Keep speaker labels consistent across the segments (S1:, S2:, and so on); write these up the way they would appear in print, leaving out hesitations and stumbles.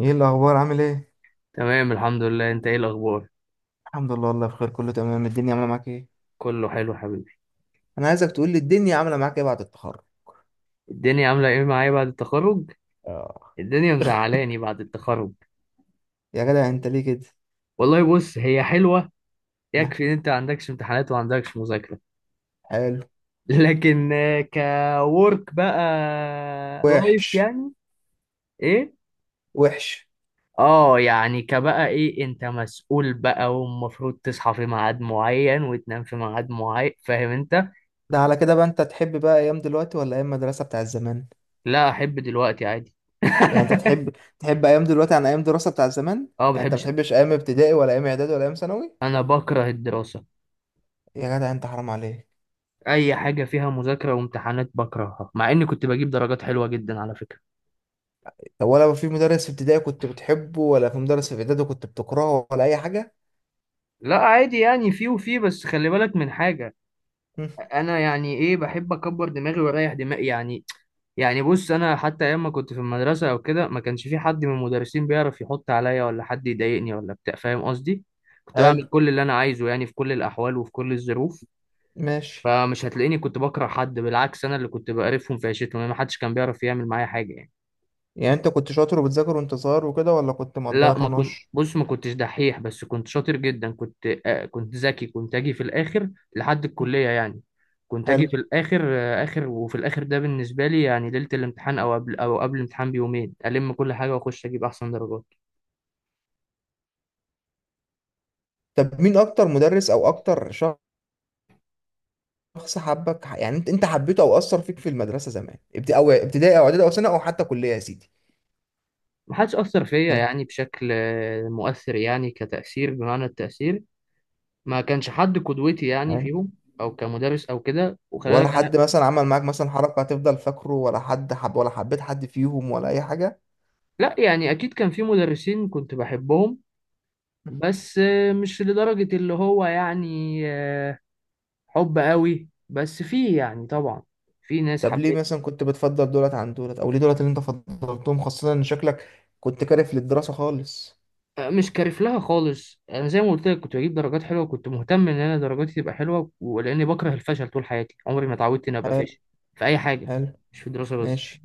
S1: ايه الاخبار؟ عامل ايه؟
S2: تمام، الحمد لله. انت ايه الاخبار؟
S1: الحمد لله، والله بخير، كله تمام. الدنيا عامله معاك ايه؟
S2: كله حلو حبيبي.
S1: انا عايزك تقول لي الدنيا عامله معاك ايه بعد التخرج.
S2: الدنيا عامله ايه معايا بعد التخرج؟
S1: آه.
S2: الدنيا مزعلاني بعد التخرج.
S1: يا جدع انت ليه كده؟
S2: والله بص، هي حلوه.
S1: ها.
S2: يكفي ان انت ما عندكش امتحانات وما عندكش مذاكره.
S1: حلو.
S2: لكن كورك بقى. لايف
S1: وحش.
S2: يعني. ايه.
S1: وحش.
S2: اه يعني كبقى ايه، انت مسؤول بقى ومفروض تصحى في ميعاد معين وتنام في ميعاد معين، فاهم انت.
S1: ده على كده بقى، انت تحب بقى ايام دلوقتي ولا ايام مدرسه بتاع زمان؟
S2: لا، احب دلوقتي عادي.
S1: يعني انت تحب، تحب ايام دلوقتي عن ايام دراسه بتاع زمان؟
S2: اه،
S1: يعني انت ما
S2: بحبش.
S1: بتحبش ايام ابتدائي ولا ايام اعدادي ولا ايام ثانوي؟
S2: انا بكره الدراسه.
S1: يا جدع انت حرام عليك.
S2: اي حاجه فيها مذاكره وامتحانات بكرهها، مع اني كنت بجيب درجات حلوه جدا على فكره.
S1: طب ولا في مدرس في ابتدائي كنت بتحبه ولا في مدرس في اعدادي كنت بتكرهه ولا اي حاجه؟
S2: لا عادي، يعني في وفي، بس خلي بالك من حاجه.
S1: هم،
S2: انا يعني ايه، بحب اكبر دماغي واريح دماغي يعني. يعني بص، انا حتى ايام ما كنت في المدرسه او كده، ما كانش في حد من المدرسين بيعرف يحط عليا ولا حد يضايقني ولا بتاع، فاهم قصدي. كنت
S1: حلو.
S2: بعمل كل اللي انا عايزه يعني، في كل الاحوال وفي كل الظروف.
S1: ماشي.
S2: فمش هتلاقيني كنت بكره حد، بالعكس، انا اللي كنت بقرفهم في عيشتهم يعني، ما حدش كان بيعرف يعمل معايا حاجه يعني.
S1: يعني انت كنت شاطر وبتذاكر وانت صغير وكده ولا كنت مقضيها
S2: لا ما كنت،
S1: طناش؟
S2: بص، ما كنتش دحيح، بس كنت شاطر جدا، كنت ذكي. كنت اجي في الاخر لحد الكلية يعني. كنت اجي
S1: حلو.
S2: في الاخر، آه اخر وفي الاخر ده بالنسبة لي يعني، ليلة الامتحان او قبل الامتحان بيومين الم كل حاجة واخش اجيب احسن درجات.
S1: طب مين اكتر مدرس او اكتر شخص حبك، يعني انت حبيته او اثر فيك في المدرسه زمان، او ابتدائي او اعدادي او ثانوي او حتى كليه يا سيدي؟
S2: ما حدش اثر فيا
S1: ها.
S2: يعني بشكل مؤثر، يعني كتأثير بمعنى التأثير. ما كانش حد قدوتي يعني
S1: يعني
S2: فيهم، او كمدرس او كده، وخلي
S1: ولا
S2: بالك انا.
S1: حد مثلا عمل معاك مثلا حركه هتفضل فاكره، ولا حد حب ولا حبيت حد فيهم ولا اي حاجه؟
S2: لا يعني، اكيد كان في مدرسين كنت بحبهم، بس مش لدرجة اللي هو يعني, حب قوي، بس فيه يعني طبعا، في ناس
S1: طب ليه
S2: حبيت.
S1: مثلا كنت بتفضل دولت عن دولت، او ليه دولت اللي انت فضلتهم خاصه ان شكلك كنت كارف للدراسه خالص؟
S2: آه، مش كارف لها خالص. انا زي ما قلت لك، كنت بجيب درجات حلوة، كنت مهتم ان انا درجاتي تبقى حلوة، ولاني بكره الفشل. طول حياتي عمري ما اتعودت اني ابقى
S1: حلو.
S2: فاشل في اي حاجة،
S1: حلو.
S2: مش في الدراسة بس.
S1: ماشي.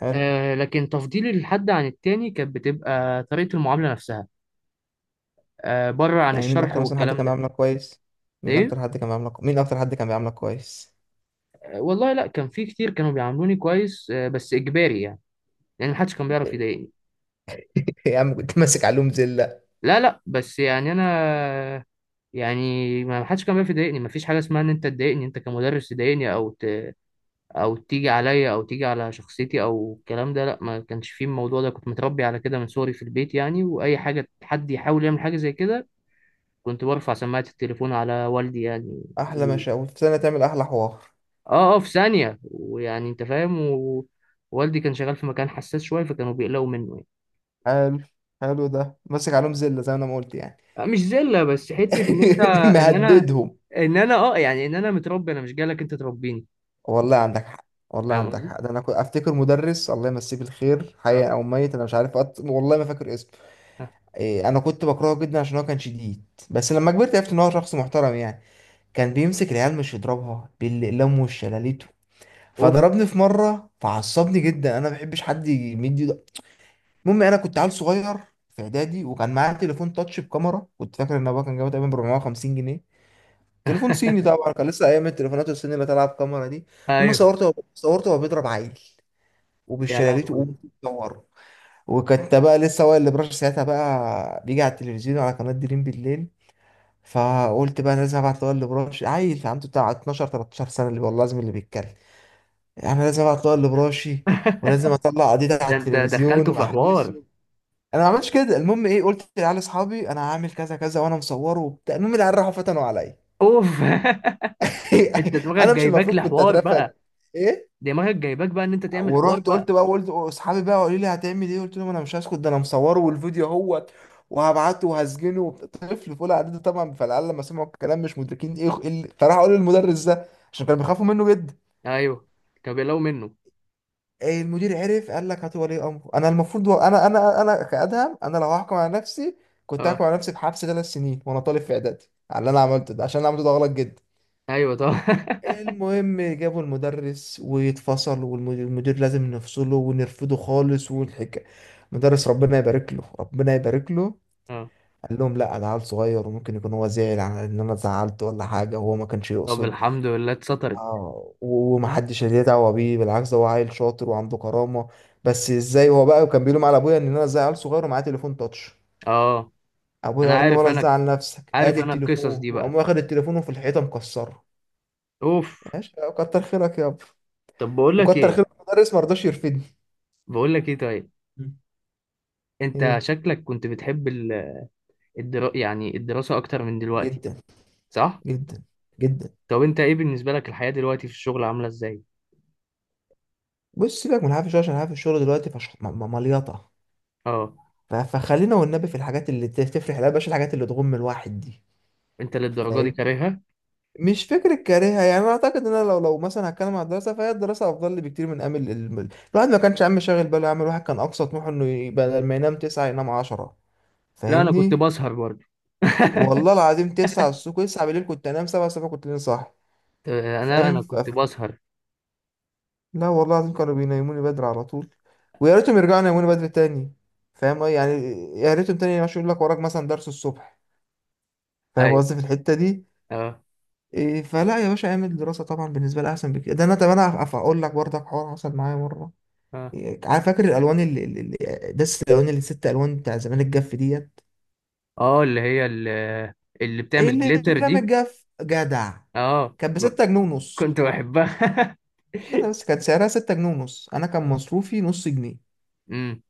S1: حلو.
S2: آه، لكن تفضيلي للحد عن التاني كانت بتبقى طريقة المعاملة نفسها، آه، بره عن
S1: يعني مين
S2: الشرح
S1: اكتر مثلا حد
S2: والكلام
S1: كان
S2: ده.
S1: بيعاملك كويس؟ مين
S2: ايه.
S1: اكتر حد كان بيعاملك؟ مين اكتر حد كان بيعاملك كويس؟
S2: آه، والله لا، كان في كتير كانوا بيعاملوني كويس، بس اجباري يعني، لان محدش كان بيعرف يضايقني.
S1: يا عم كنت ماسك علوم زله.
S2: لا، لا، بس يعني انا، يعني ما حدش كان بيعرف يضايقني. ما فيش حاجه اسمها ان انت تضايقني، انت كمدرس تضايقني او تيجي عليا او تيجي على شخصيتي او الكلام ده، لا، ما كانش فيه الموضوع ده. كنت متربي على كده من صغري في البيت يعني، واي حاجه حد يحاول يعمل حاجه زي كده، كنت برفع سماعه التليفون على والدي يعني.
S1: احلى مشاوي في سنه تعمل احلى حوار.
S2: اه، اه، في ثانيه ويعني انت فاهم. والدي كان شغال في مكان حساس شويه، فكانوا بيقلقوا منه.
S1: حلو. حلو. ده ماسك علوم زله زي ما انا ما قلت يعني.
S2: آه، مش زله، بس حته ان انت، ان انا
S1: مهددهم.
S2: ان انا متربي، انا مش جالك انت تربيني.
S1: والله عندك حق، والله
S2: فاهم
S1: عندك
S2: قصدي؟
S1: حق. ده انا كنت افتكر مدرس، الله يمسيه بالخير حي
S2: اه.
S1: او ميت انا مش عارف، والله ما فاكر اسمه.
S2: آه.
S1: إيه، انا كنت بكرهه جدا عشان هو كان شديد. بس لما كبرت عرفت ان هو شخص محترم يعني. كان بيمسك العيال مش يضربها باللم والشلاليت.
S2: اوف.
S1: فضربني في مره فعصبني جدا، انا ما بحبش حد يمد ايده. المهم انا كنت عيل صغير في اعدادي، وكان معايا تليفون تاتش بكاميرا كنت فاكر ان ابويا كان جايبه تقريبا ب 450 جنيه. تليفون صيني طبعا، كان لسه ايام التليفونات الصيني اللي طالعه بكاميرا دي. المهم
S2: ايوه.
S1: صورته وهو بيضرب عيل
S2: يا
S1: وبالشلاليت،
S2: لهوي.
S1: وقوم بيصوره. وكنت بقى لسه هو اللي براش ساعتها بقى بيجي على التلفزيون على قناه دريم بالليل. فقلت بقى أنا لازم ابعت هو اللي براش، عيل عنده بتاع 12 13 سنه اللي والله لازم، اللي بيتكلم انا لازم اطلع اللي براشي، ولازم اطلع قضيتي على
S2: ده انت
S1: التلفزيون
S2: دخلته في حوار.
S1: واحبسه. انا ما عملتش كده. المهم ايه، قلت لعيال اصحابي انا هعمل كذا كذا وانا مصوره وبتاع. المهم العيال راحوا فتنوا عليا.
S2: اوف. انت دماغك
S1: انا مش
S2: جايباك
S1: المفروض كنت
S2: لحوار
S1: اترفد.
S2: بقى،
S1: ايه.
S2: دماغك جايباك بقى ان انت تعمل حوار
S1: ورحت
S2: بقى.
S1: قلت بقى، قلت اصحابي بقى، قالوا لي هتعمل ايه؟ قلت لهم انا مش هسكت، ده انا مصوره والفيديو اهوت، وهبعته وهسجنه وبتاع. طفل في اولى اعدادي طبعا. فالعيال لما سمعوا الكلام مش مدركين ايه، فراحوا قالوا للمدرس ده عشان كانوا بيخافوا منه جدا.
S2: ايوه، كان بيقلقوا منه.
S1: المدير عرف، قال لك هات ولي امره. انا المفروض انا كادهم. انا لو هحكم على نفسي، كنت
S2: اه،
S1: هحكم على نفسي بحبس ثلاث سنين وانا طالب في اعدادي، على اللي انا عملته ده، عشان انا عملته ده غلط جدا.
S2: ايوه طبعا.
S1: المهم جابوا المدرس ويتفصل والمدير لازم نفصله ونرفضه خالص والحكاية. المدرس ربنا يبارك له، ربنا يبارك له،
S2: اه،
S1: قال لهم لا ده عيل صغير وممكن يكون هو زعل على ان انا زعلته ولا حاجه وهو ما كانش
S2: طب
S1: يقصد.
S2: الحمد لله اتسطرت.
S1: اه ومحدش ليه دعوه بيه، بالعكس ده هو عيل شاطر وعنده كرامه. بس ازاي هو بقى، وكان بيلوم على ابويا ان انا ازاي عيل صغير ومعاه تليفون تاتش.
S2: اه،
S1: ابويا
S2: انا
S1: قال له
S2: عارف،
S1: ولا
S2: انا
S1: تزعل نفسك،
S2: عارف
S1: ادي
S2: انا القصص
S1: التليفون،
S2: دي
S1: وقام
S2: بقى.
S1: واخد التليفون وفي الحيطه مكسره.
S2: اوف.
S1: ماشي. آه، كتر خيرك يابا.
S2: طب، بقول لك
S1: وكتر
S2: ايه،
S1: خيرك المدرس ما رضاش يرفدني.
S2: بقول لك ايه طيب.
S1: مم.
S2: انت
S1: ايه.
S2: شكلك كنت بتحب يعني الدراسة اكتر من دلوقتي،
S1: جدا.
S2: صح؟
S1: جدا. جدا.
S2: طب انت ايه بالنسبة لك الحياة دلوقتي في الشغل، عاملة ازاي؟
S1: بص سيبك من الحافي شويه، عشان الحافي الشغل دلوقتي مليطه.
S2: اه،
S1: فخلينا والنبي في الحاجات اللي تفرح، لا بلاش الحاجات اللي تغم الواحد. دي
S2: انت للدرجة دي كارهها؟
S1: مش فكرة كارهها يعني، أنا أعتقد إن أنا لو مثلا هتكلم عن الدراسة فهي الدراسة أفضل لي بكتير من أمل الواحد. ما كانش عم شاغل باله يعمل، واحد كان أقصى طموحه إنه يبقى لما ينام تسعة ينام عشرة.
S2: لا، انا كنت
S1: فاهمني؟
S2: بسهر برضه.
S1: والله العظيم تسعة الصبح تسعة بالليل كنت أنام، سبعة الصبح كنت لين صاحي.
S2: انا
S1: فاهم؟
S2: انا كنت بسهر.
S1: لا والله العظيم كانوا بينيموني بدري على طول، ويا ريتهم يرجعوا ينيموني بدري تاني. فاهم يعني، يا ريتهم تاني مش يقول لك وراك مثلا درس الصبح. فاهم
S2: ايوه.
S1: قصدي في الحتة دي؟
S2: اه،
S1: إيه، فلا يا باشا، اعمل دراسة طبعا بالنسبة لي أحسن بكتير. ده أنا طب أنا هقول لك برضك حوار حصل معايا مرة.
S2: اه،
S1: إيه، عارف فاكر الألوان دس الألوان اللي ست ألوان بتاع زمان، الجاف ديت؟
S2: اه، اللي هي، اللي, اللي
S1: إيه،
S2: بتعمل
S1: اللي
S2: جليتر
S1: رمى
S2: دي.
S1: الجاف جدع.
S2: اه،
S1: كان بستة جنيه ونص.
S2: كنت بحبها.
S1: استنى بس، كان سعرها ستة جنيه ونص، أنا كان مصروفي نص جنيه.
S2: امم.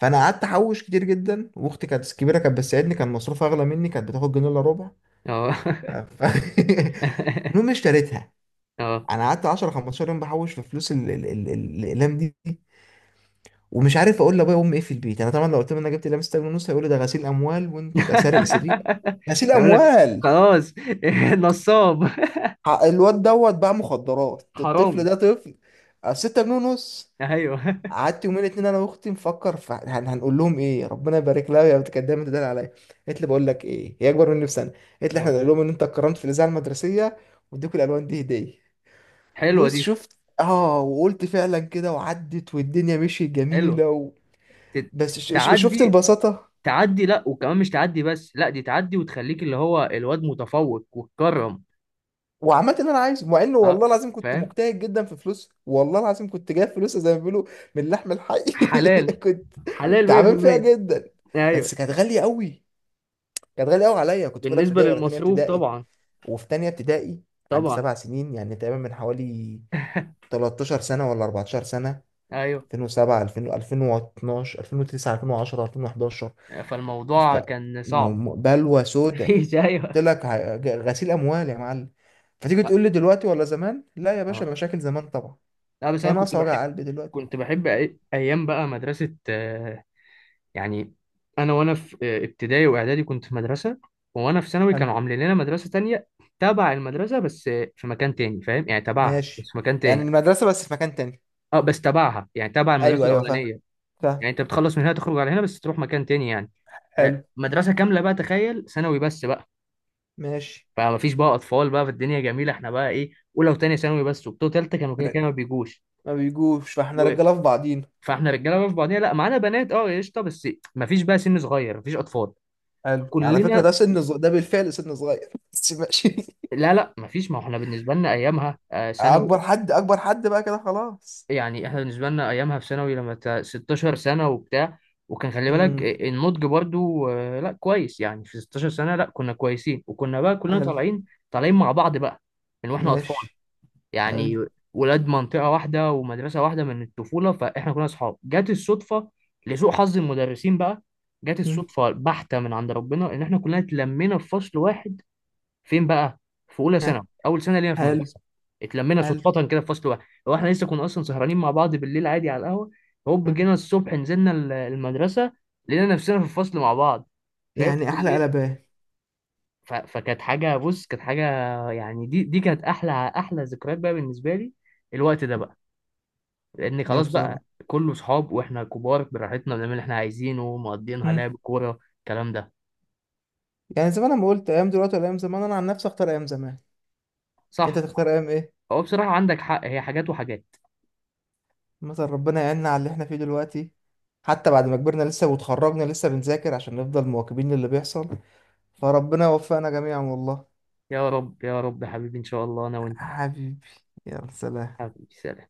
S1: فأنا قعدت أحوش كتير جدا، وأختي كانت كبيرة كانت بتساعدني، كان مصروفها أغلى مني، كانت بتاخد جنيه إلا ربع.
S2: اه.
S1: ف... ف- المهم اشتريتها.
S2: اه.
S1: انا قعدت 10 15 يوم بحوش في فلوس الاقلام دي، ومش عارف اقول لابويا وامي ايه في البيت. انا طبعا لو قلت لهم انا جبت لمسة جنيه ونص هيقولوا ده غسيل اموال وانت سارق سرير. غسيل
S2: يقول لك
S1: اموال.
S2: خلاص. نصاب.
S1: الواد دوت باع مخدرات، الطفل
S2: حرامي.
S1: ده طفل. آه، ستة جنيه ونص.
S2: ايوه.
S1: قعدت يومين اتنين انا واختي نفكر في هنقول لهم ايه. ربنا يبارك لها يا بنت، كانت دايما تدل عليا. قالت لي بقول لك ايه، هي اكبر مني بسنه، قالت لي احنا
S2: اه.
S1: نقول لهم ان انت اتكرمت في الاذاعه المدرسيه، واديكوا الالوان دي هديه.
S2: حلوه
S1: بص
S2: دي.
S1: شفت، اه، وقلت فعلا كده، وعدت والدنيا مشيت
S2: حلوه
S1: جميله
S2: ت-
S1: بس شفت
S2: تعدي.
S1: البساطه.
S2: تعدي، لا وكمان مش تعدي بس، لا دي تعدي وتخليك اللي هو الواد متفوق وتكرم.
S1: وعملت اللي انا عايزه، مع انه
S2: اه،
S1: والله العظيم كنت
S2: فاهم.
S1: مجتهد جدا في فلوس، والله العظيم كنت جايب فلوس زي ما بيقولوا من اللحم الحي.
S2: حلال.
S1: كنت
S2: حلال
S1: تعبان فيها
S2: 100%.
S1: جدا،
S2: ايوه.
S1: بس كانت غاليه قوي. كانت غاليه قوي عليا، كنت في اولى
S2: بالنسبه
S1: ابتدائي ولا تانية
S2: للمصروف
S1: ابتدائي.
S2: طبعا.
S1: وفي تانية ابتدائي عندي
S2: طبعا.
S1: سبع سنين يعني تقريبا، من حوالي 13 سنة ولا 14 سنة.
S2: ايوه.
S1: 2007، 2000، 2012، 2009، 2010، 2011. ف
S2: فالموضوع
S1: م-
S2: كان صعب.
S1: بلوى سودة،
S2: مفيش، ايوه.
S1: قلت لك غسيل اموال يا معلم. فتيجي
S2: لا.
S1: تقول لي دلوقتي ولا زمان؟ لا يا باشا،
S2: آه.
S1: مشاكل زمان طبعا.
S2: لا بس
S1: هي
S2: انا كنت
S1: ناقصه
S2: بحب،
S1: وجع قلبي دلوقتي؟
S2: كنت بحب ايام بقى مدرسه. يعني، انا وانا في ابتدائي واعدادي كنت في مدرسه، وانا في ثانوي
S1: حلو.
S2: كانوا عاملين لنا مدرسه تانية، تبع المدرسه بس في مكان تاني، فاهم يعني، تبعها بس
S1: ماشي.
S2: في مكان
S1: يعني
S2: تاني.
S1: المدرسه بس في مكان تاني.
S2: اه، بس تبعها، يعني تبع المدرسه
S1: ايوه ايوه، فاهم.
S2: الاولانيه.
S1: فاهم.
S2: يعني انت بتخلص من هنا، تخرج على هنا بس تروح مكان تاني يعني. آه،
S1: حلو.
S2: مدرسه كامله بقى، تخيل، ثانوي بس بقى.
S1: ماشي.
S2: فما فيش بقى اطفال بقى، في الدنيا جميله، احنا بقى ايه، اولى وثانيه ثانوي بس، وبتوع ثالثه كانوا كده
S1: ر-
S2: كده ما بيجوش
S1: ما بيجوش، فاحنا
S2: و...
S1: رجاله في بعضينا.
S2: فاحنا رجاله بقى في بعضينا، لا معانا بنات، اه قشطه، بس ما فيش بقى سن صغير، ما فيش اطفال،
S1: حلو. على فكره ده
S2: كلنا.
S1: سن صغير، ده بالفعل سن صغير. بس ماشي.
S2: لا، لا، مفيش، ما هو احنا بالنسبة لنا أيامها ثانوي.
S1: اكبر حد، اكبر حد بقى كده خلاص.
S2: يعني احنا بالنسبة لنا أيامها في ثانوي، لما 16 سنة وبتاع، وكان خلي بالك
S1: امم.
S2: النضج برضو، لا كويس يعني، في 16 سنة، لا كنا كويسين، وكنا بقى كلنا
S1: حلو.
S2: طالعين، طالعين مع بعض بقى من واحنا أطفال
S1: ماشي. حلو.
S2: يعني، ولاد منطقة واحدة ومدرسة واحدة من الطفولة، فاحنا كنا أصحاب. جت الصدفة، لسوء حظ المدرسين بقى، جت
S1: مم.
S2: الصدفة بحتة من عند ربنا إن احنا كلنا اتلمينا في فصل واحد. فين بقى؟ في اولى
S1: ها.
S2: ثانوي، اول سنه لينا في
S1: حلو.
S2: المدرسه، اتلمينا
S1: حلو.
S2: صدفه كده في فصل واحد. هو احنا لسه كنا اصلا سهرانين مع بعض بالليل عادي على القهوه، هوب
S1: مم.
S2: جينا الصبح نزلنا المدرسه، لقينا نفسنا في الفصل مع بعض، فاهم،
S1: يعني احلى
S2: كلنا.
S1: قلبان.
S2: فكانت حاجه، بص، كانت حاجه، يعني دي كانت احلى، احلى ذكريات بقى بالنسبه لي، الوقت ده بقى، لان
S1: يا
S2: خلاص
S1: بصراحه،
S2: بقى كله صحاب، واحنا كبار براحتنا بنعمل اللي احنا عايزينه، مقضيينها لعب كوره الكلام ده.
S1: يعني زي ما انا ما قلت، ايام دلوقتي ولا ايام زمان، انا عن نفسي اختار ايام زمان. انت
S2: صح.
S1: تختار ايام ايه؟
S2: هو بصراحه عندك حق، هي حاجات وحاجات.
S1: مثلا ربنا يعيننا على اللي احنا فيه دلوقتي. حتى بعد ما كبرنا لسه، وتخرجنا لسه بنذاكر عشان نفضل مواكبين للي بيحصل. فربنا يوفقنا جميعا والله.
S2: يا رب، يا رب، يا حبيبي، ان شاء الله انا وانت.
S1: حبيبي. يا سلام.
S2: حبيبي، سلام.